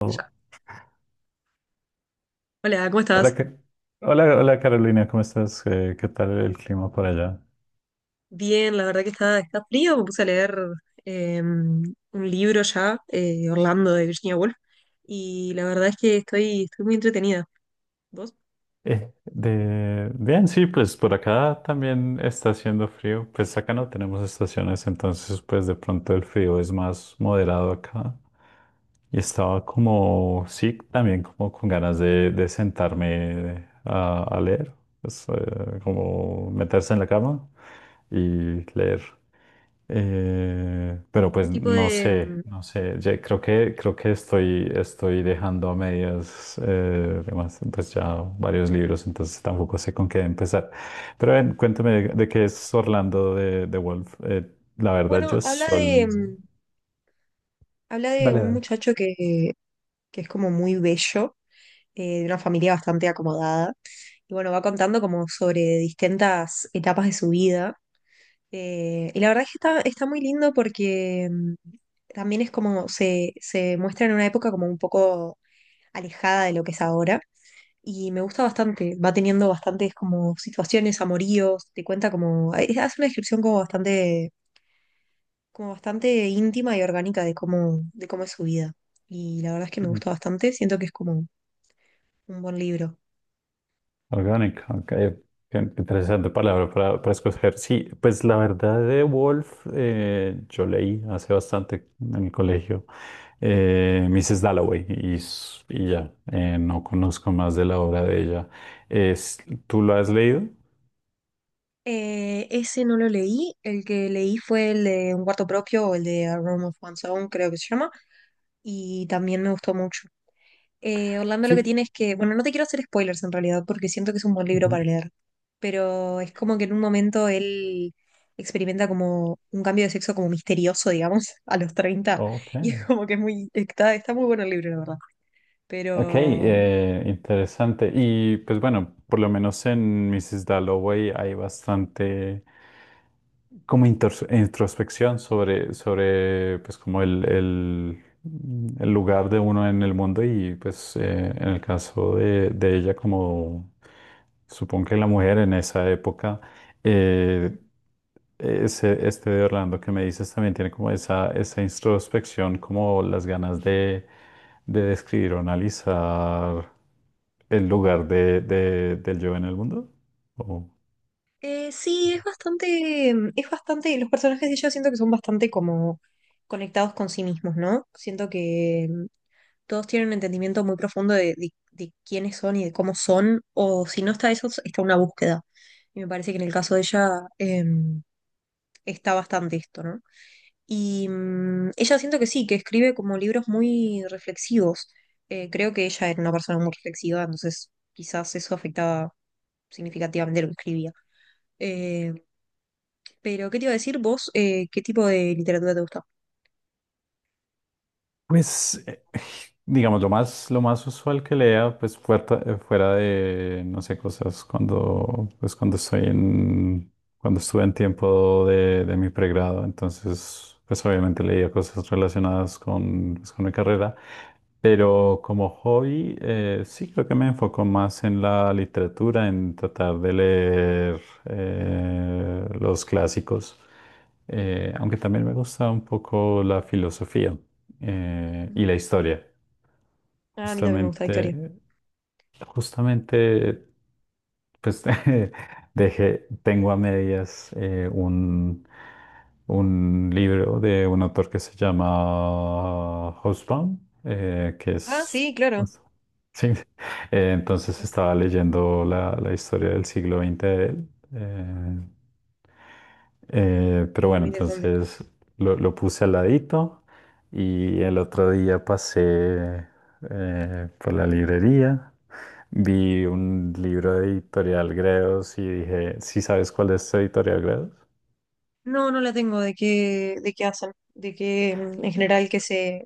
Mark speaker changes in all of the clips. Speaker 1: Oh,
Speaker 2: Ya. Hola, ¿cómo estás?
Speaker 1: hola, hola, Carolina, ¿cómo estás? ¿Qué tal el clima por allá?
Speaker 2: Bien, la verdad que está frío. Me puse a leer un libro ya, Orlando de Virginia Woolf, y la verdad es que estoy muy entretenida. ¿Vos?
Speaker 1: Bien, sí, pues por acá también está haciendo frío. Pues acá no tenemos estaciones, entonces pues de pronto el frío es más moderado acá. Y estaba como, sí, también como con ganas de sentarme a leer, pues, como meterse en la cama y leer. Pero
Speaker 2: ¿Qué
Speaker 1: pues
Speaker 2: tipo
Speaker 1: no
Speaker 2: de...?
Speaker 1: sé, no sé. Ya creo creo que estoy, estoy dejando a medias además, pues ya varios libros, entonces tampoco sé con qué empezar. Pero ven, cuéntame de qué es Orlando de Wolf. La verdad,
Speaker 2: Bueno,
Speaker 1: yo
Speaker 2: habla de,
Speaker 1: solo
Speaker 2: mm, habla de un
Speaker 1: dale,
Speaker 2: muchacho que es como muy bello, de una familia bastante acomodada, y bueno, va contando como sobre distintas etapas de su vida. Y la verdad es que está muy lindo porque también es como se muestra en una época como un poco alejada de lo que es ahora. Y me gusta bastante, va teniendo bastantes como situaciones, amoríos, te cuenta como, hace una descripción como bastante íntima y orgánica de cómo es su vida. Y la verdad es que me
Speaker 1: dale.
Speaker 2: gusta bastante, siento que es como un buen libro.
Speaker 1: Orgánica, ok. Qué interesante palabra para escoger. Sí, pues la verdad de Wolf, yo leí hace bastante en el colegio Mrs. Dalloway y ya, no conozco más de la obra de ella. Es, ¿tú lo has leído?
Speaker 2: Ese no lo leí, el que leí fue el de Un cuarto propio, o el de A Room of One's Own, creo que se llama, y también me gustó mucho. Orlando lo que
Speaker 1: Sí.
Speaker 2: tiene es que, bueno, no te quiero hacer spoilers en realidad, porque siento que es un buen libro
Speaker 1: Ujú.
Speaker 2: para leer, pero es como que en un momento él experimenta como un cambio de sexo como misterioso, digamos, a los 30,
Speaker 1: Ok.
Speaker 2: y es como que está muy bueno el libro, la verdad.
Speaker 1: Ok,
Speaker 2: Pero
Speaker 1: interesante. Y pues bueno, por lo menos en Mrs. Dalloway hay bastante como introspección sobre, sobre pues como el lugar de uno en el mundo y pues en el caso de ella como supongo que la mujer en esa época. Eh, este de Orlando que me dices también tiene como esa introspección, como las ganas de describir o analizar el lugar del yo en el mundo. ¿O?
Speaker 2: sí, es bastante, los personajes de ella siento que son bastante como conectados con sí mismos, ¿no? Siento que todos tienen un entendimiento muy profundo de, de quiénes son y de cómo son, o si no está eso, está una búsqueda. Y me parece que en el caso de ella em, está bastante esto, ¿no? Y ella siento que sí, que escribe como libros muy reflexivos. Creo que ella era una persona muy reflexiva, entonces quizás eso afectaba significativamente lo que escribía. Eh, pero, ¿qué te iba a decir vos? ¿Qué tipo de literatura te gusta?
Speaker 1: Pues, digamos, lo más usual que lea, pues fuera, de, no sé, cosas cuando, pues cuando estoy en, cuando estuve en tiempo de mi pregrado, entonces, pues obviamente leía cosas relacionadas con, pues, con mi carrera, pero como hobby, sí creo que me enfoco más en la literatura, en tratar de leer los clásicos, aunque también me gusta un poco la filosofía
Speaker 2: Ujú.
Speaker 1: y la historia.
Speaker 2: Ah, a mí también me gusta la historia.
Speaker 1: Justamente, justamente, pues dejé, tengo a medias un libro de un autor que se llama Housebound, que
Speaker 2: Ah,
Speaker 1: es...
Speaker 2: sí, claro.
Speaker 1: pues, sí, entonces
Speaker 2: Eh,
Speaker 1: estaba leyendo la historia del siglo XX de él. eh, pero
Speaker 2: Sí, muy
Speaker 1: bueno,
Speaker 2: interesante.
Speaker 1: entonces lo puse al ladito y el otro día pasé por la librería, vi un libro de Editorial Gredos y dije, ¿sí sabes cuál es Editorial Gredos?
Speaker 2: No, no la tengo de qué hacen, de qué en general qué se,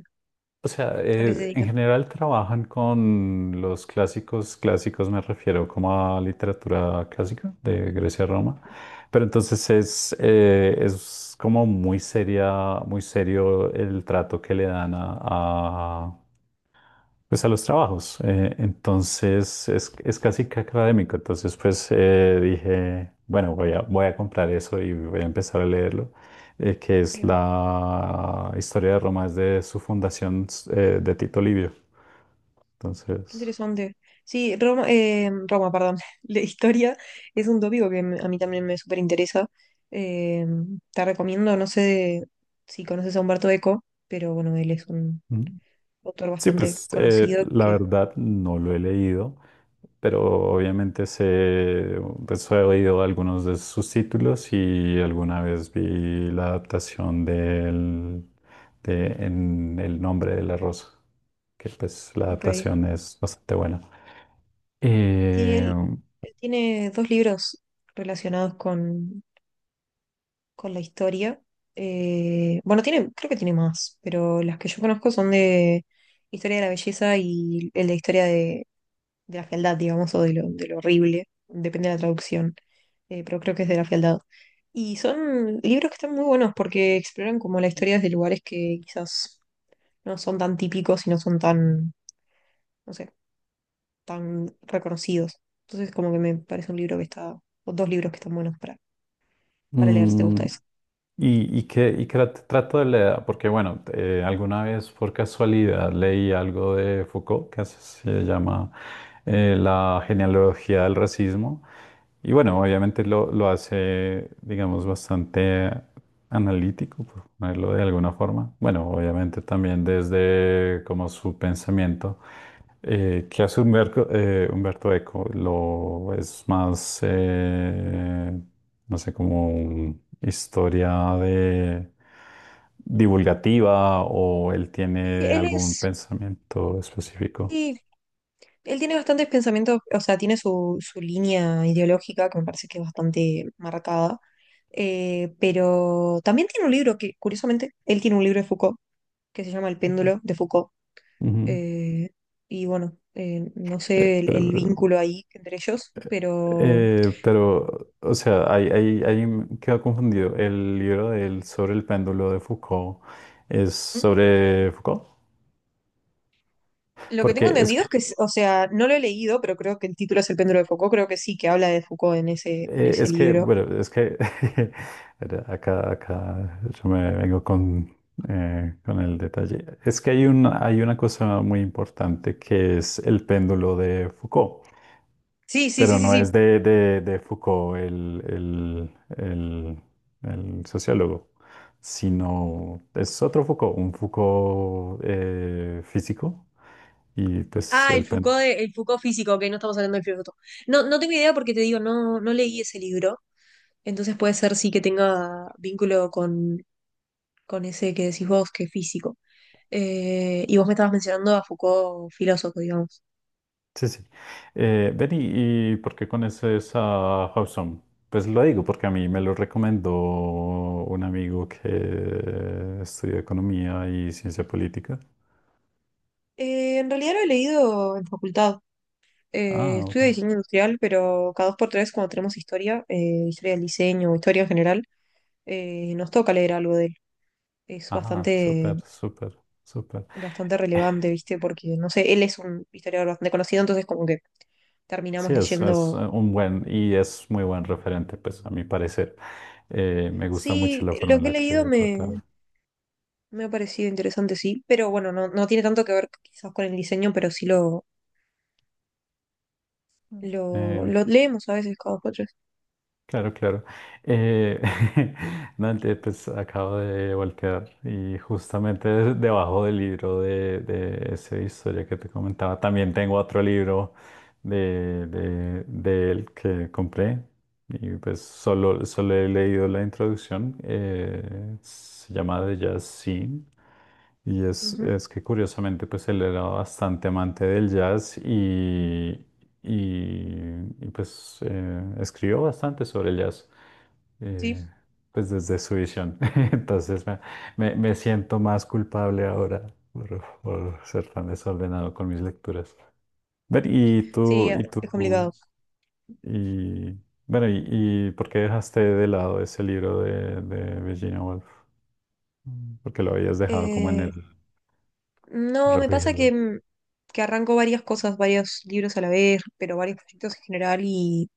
Speaker 1: O sea,
Speaker 2: a qué se
Speaker 1: en
Speaker 2: dedican.
Speaker 1: general trabajan con los clásicos, clásicos me refiero como a literatura clásica de Grecia a Roma, pero entonces es como muy seria, muy serio el trato que le dan a, pues a los trabajos. Entonces es casi que académico. Entonces pues dije, bueno, voy a, voy a comprar eso y voy a empezar a leerlo, que es
Speaker 2: Ahí va.
Speaker 1: la historia de Roma desde su fundación de Tito Livio.
Speaker 2: Qué
Speaker 1: Entonces...
Speaker 2: interesante. Sí, Roma, Roma, perdón. La historia es un tópico que a mí también me súper interesa. Eh, te recomiendo, no sé si conoces a Humberto Eco, pero bueno, él es un
Speaker 1: ujú.
Speaker 2: autor
Speaker 1: Sí,
Speaker 2: bastante
Speaker 1: pues
Speaker 2: conocido
Speaker 1: la
Speaker 2: que.
Speaker 1: verdad no lo he leído, pero obviamente sé, pues he oído algunos de sus títulos y alguna vez vi la adaptación del, de En el nombre de la rosa, que pues la
Speaker 2: Ok.
Speaker 1: adaptación es bastante buena.
Speaker 2: Sí,
Speaker 1: Eh,
Speaker 2: él tiene dos libros relacionados con, la historia. Bueno, tiene, creo que tiene más, pero las que yo conozco son de historia de la belleza y el de historia de la fealdad, digamos, o de lo horrible, depende de la traducción, pero creo que es de la fealdad. Y son libros que están muy buenos porque exploran como la historia desde lugares que quizás no son tan típicos y no son tan, no sé, tan reconocidos. Entonces como que me parece un libro que está, o dos libros que están buenos para leer si te gusta
Speaker 1: mm,
Speaker 2: eso.
Speaker 1: Y que trato de leer, porque bueno, alguna vez por casualidad leí algo de Foucault, que así se llama La genealogía del racismo. Y bueno, obviamente lo hace, digamos, bastante analítico, por ponerlo de alguna forma. Bueno, obviamente también desde como su pensamiento, que hace Humberto, Humberto Eco, lo es más, no sé, como historia de divulgativa o él
Speaker 2: Y
Speaker 1: tiene
Speaker 2: él
Speaker 1: algún
Speaker 2: es...
Speaker 1: pensamiento específico.
Speaker 2: Sí, él tiene bastantes pensamientos, o sea, tiene su, su línea ideológica que me parece que es bastante marcada, pero también tiene un libro que, curiosamente, él tiene un libro de Foucault que se llama El
Speaker 1: Ujú.
Speaker 2: péndulo de Foucault.
Speaker 1: Ujú.
Speaker 2: eh, y bueno, no
Speaker 1: Eh,
Speaker 2: sé el
Speaker 1: pero,
Speaker 2: vínculo ahí entre ellos,
Speaker 1: eh,
Speaker 2: pero
Speaker 1: pero, o sea, ahí me quedo confundido. El libro de él sobre el péndulo de Foucault es
Speaker 2: mm,
Speaker 1: sobre Foucault,
Speaker 2: lo que tengo
Speaker 1: porque
Speaker 2: entendido es que, o sea, no lo he leído, pero creo que el título es El péndulo de Foucault, creo que sí, que habla de Foucault en ese, en ese
Speaker 1: Es que,
Speaker 2: libro.
Speaker 1: bueno, es que acá, acá yo me vengo con el detalle. Es que hay una cosa muy importante que es el péndulo de Foucault,
Speaker 2: Sí, sí, sí,
Speaker 1: pero
Speaker 2: sí,
Speaker 1: no
Speaker 2: sí.
Speaker 1: es de Foucault el el sociólogo, sino es otro Foucault, un Foucault físico. Y pues
Speaker 2: Ah, el
Speaker 1: el péndulo.
Speaker 2: Foucault, el Foucault físico, que no estamos hablando del filósofo. No, no tengo idea porque te digo, no, no leí ese libro, entonces puede ser sí que tenga vínculo con ese que decís vos, que es físico. Y vos me estabas mencionando a Foucault filósofo, digamos.
Speaker 1: Sí, sí. Ven, y por qué conoces a Hobson? Pues lo digo porque a mí me lo recomendó un amigo que estudia economía y ciencia política.
Speaker 2: En realidad lo he leído en facultad.
Speaker 1: Ah,
Speaker 2: Eh,
Speaker 1: ok.
Speaker 2: estudio diseño industrial, pero cada dos por tres cuando tenemos historia, historia del diseño, historia en general, nos toca leer algo de él. Es
Speaker 1: Ajá,
Speaker 2: bastante
Speaker 1: súper, súper, súper.
Speaker 2: bastante relevante, ¿viste? Porque, no sé, él es un historiador bastante conocido, entonces como que terminamos
Speaker 1: Sí, es
Speaker 2: leyendo.
Speaker 1: un buen y es muy buen referente, pues a mi parecer. Me gusta mucho
Speaker 2: Sí,
Speaker 1: la forma
Speaker 2: lo
Speaker 1: en
Speaker 2: que he
Speaker 1: la
Speaker 2: leído
Speaker 1: que
Speaker 2: me,
Speaker 1: trata.
Speaker 2: me ha parecido interesante, sí, pero bueno, no, no tiene tanto que ver quizás con el diseño, pero sí lo,
Speaker 1: Mm.
Speaker 2: lo,
Speaker 1: eh,
Speaker 2: lo leemos a veces cada cuatro.
Speaker 1: Claro, claro. Eh, Dante, pues acabo de voltear y justamente debajo del libro de esa historia que te comentaba, también tengo otro libro de él que compré y pues solo, solo he leído la introducción. Se llama The Jazz Scene y
Speaker 2: Ujú.
Speaker 1: es que curiosamente pues él era bastante amante del jazz pues escribió bastante sobre el jazz
Speaker 2: Sí,
Speaker 1: eh, pues desde su visión. Entonces me, Me siento más culpable ahora por ser tan desordenado con mis lecturas. Ver,
Speaker 2: sí,
Speaker 1: y
Speaker 2: es
Speaker 1: tú,
Speaker 2: complicado.
Speaker 1: y bueno, y ¿por qué dejaste de lado ese libro de Virginia Woolf? Mm. ¿Por qué lo habías dejado como en
Speaker 2: Eh,
Speaker 1: el
Speaker 2: no, me pasa que,
Speaker 1: refrigerador?
Speaker 2: mm, que arranco varias cosas, varios libros a la vez, pero varios proyectos en general, y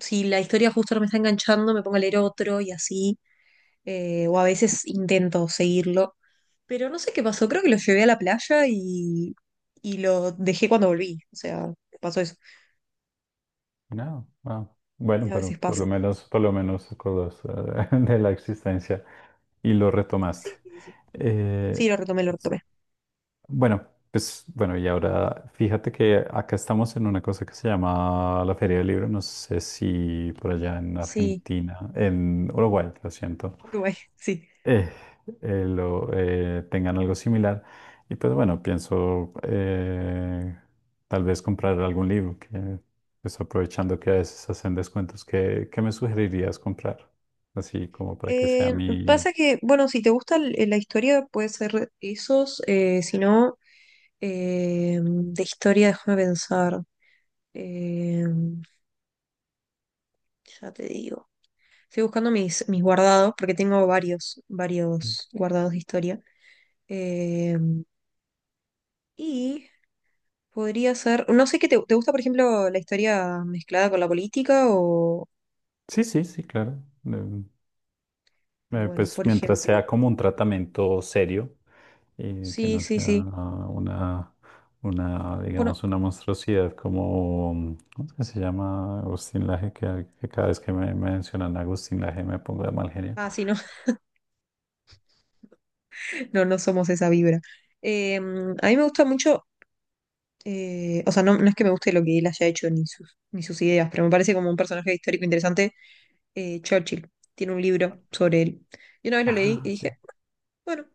Speaker 2: si la historia justo no me está enganchando, me pongo a leer otro y así, o a veces intento seguirlo. Pero no sé qué pasó, creo que lo llevé a la playa y lo dejé cuando volví. O sea, pasó eso.
Speaker 1: No, ah, bueno,
Speaker 2: A
Speaker 1: pero
Speaker 2: veces pasa.
Speaker 1: por lo menos acordaste de la existencia y lo retomaste.
Speaker 2: Sí, sí, sí. Sí,
Speaker 1: Eh,
Speaker 2: sí, lo retomé, lo retomé.
Speaker 1: bueno, pues bueno, y ahora fíjate que acá estamos en una cosa que se llama la Feria del Libro. No sé si por allá en
Speaker 2: Sí,
Speaker 1: Argentina, en Uruguay, lo siento
Speaker 2: Uruguay, sí.
Speaker 1: eh, tengan algo similar. Y pues bueno, pienso tal vez comprar algún libro, que pues aprovechando que a veces hacen descuentos, ¿qué, qué me sugerirías comprar? Así como para que sea
Speaker 2: Eh,
Speaker 1: mi...
Speaker 2: pasa que, bueno, si te gusta la historia, puede ser esos. Si no, de historia, déjame pensar. Eh, ya te digo. Estoy buscando mis guardados, porque tengo varios guardados de historia. Eh, y podría ser, no sé qué te gusta, por ejemplo, la historia mezclada con la política o,
Speaker 1: Sí, sí, sí, claro. Em,
Speaker 2: bueno,
Speaker 1: pues
Speaker 2: por
Speaker 1: mientras sea
Speaker 2: ejemplo,
Speaker 1: como un tratamiento serio, que
Speaker 2: sí,
Speaker 1: no
Speaker 2: sí,
Speaker 1: sea
Speaker 2: sí.
Speaker 1: una, una,
Speaker 2: Bueno,
Speaker 1: digamos, una monstruosidad como, ¿cómo es que se llama? Agustín Laje, que cada vez que me mencionan a Agustín Laje me pongo de mal genio.
Speaker 2: ah, sí, no, no, no somos esa vibra. A mí me gusta mucho, o sea, no, no es que me guste lo que él haya hecho ni sus ideas, pero me parece como un personaje histórico interesante. Churchill tiene un libro sobre él. Yo una vez lo leí y
Speaker 1: Ah, sí.
Speaker 2: dije, bueno,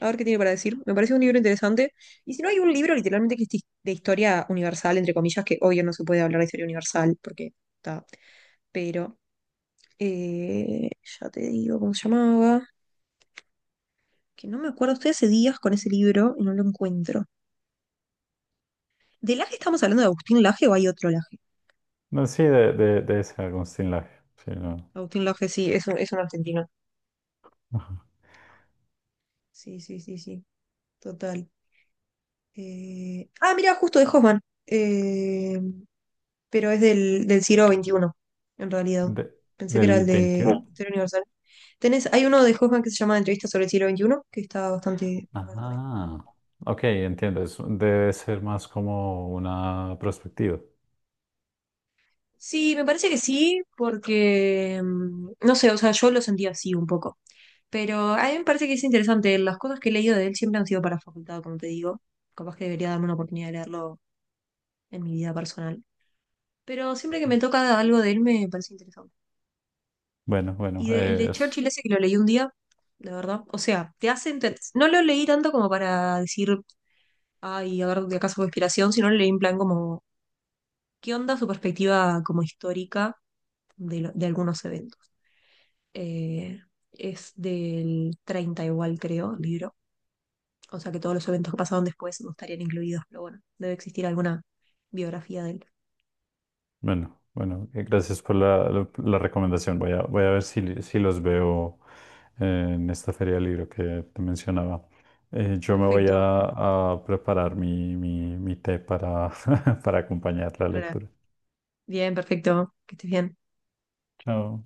Speaker 2: a ver qué tiene para decir. Me parece un libro interesante. Y si no, hay un libro literalmente que es de historia universal, entre comillas, que hoy no se puede hablar de historia universal porque está. Pero eh, ya te digo cómo se llamaba. Que no me acuerdo. Estoy hace días con ese libro y no lo encuentro. ¿De Laje estamos hablando de Agustín Laje o hay otro Laje?
Speaker 1: No, sí, de ese Agustín Laje, sí, no.
Speaker 2: Agustín Laje, sí, es un argentino. Sí, sí, sí, sí. Total. Ah, mira, justo de Hoffman. Eh, pero es del siglo XXI en realidad.
Speaker 1: De-
Speaker 2: Pensé que era
Speaker 1: ¿del
Speaker 2: el de No.
Speaker 1: veintiuno
Speaker 2: Historia Universal. Tenés, hay uno de Hoffman que se llama Entrevista sobre el siglo XXI, que está bastante bueno también.
Speaker 1: Ah, ok, entiendo, debe ser más como una perspectiva.
Speaker 2: Sí, me parece que sí, porque no sé, o sea, yo lo sentí así un poco. Pero a mí me parece que es interesante. Las cosas que he leído de él siempre han sido para facultad, como te digo. Capaz que debería darme una oportunidad de leerlo en mi vida personal. Pero siempre que me toca algo de él me parece interesante.
Speaker 1: Bueno, bueno,
Speaker 2: Y el de Churchill
Speaker 1: es...
Speaker 2: ese que lo leí un día, la verdad. O sea, no lo leí tanto como para decir, ay, a ver de acá su inspiración, sino lo leí en plan como, ¿qué onda su perspectiva como histórica de algunos eventos? Eh, es del 30 igual, creo, el libro. O sea que todos los eventos que pasaron después no estarían incluidos, pero bueno, debe existir alguna biografía de él.
Speaker 1: Bueno, bueno, gracias por la recomendación. Voy a, voy a ver si, si los veo eh, en esta feria del libro que te mencionaba. Yo me voy
Speaker 2: Perfecto.
Speaker 1: a preparar mi, mi té para, para acompañar la
Speaker 2: Lola.
Speaker 1: lectura.
Speaker 2: Bien, perfecto. Que estés bien.
Speaker 1: Chao.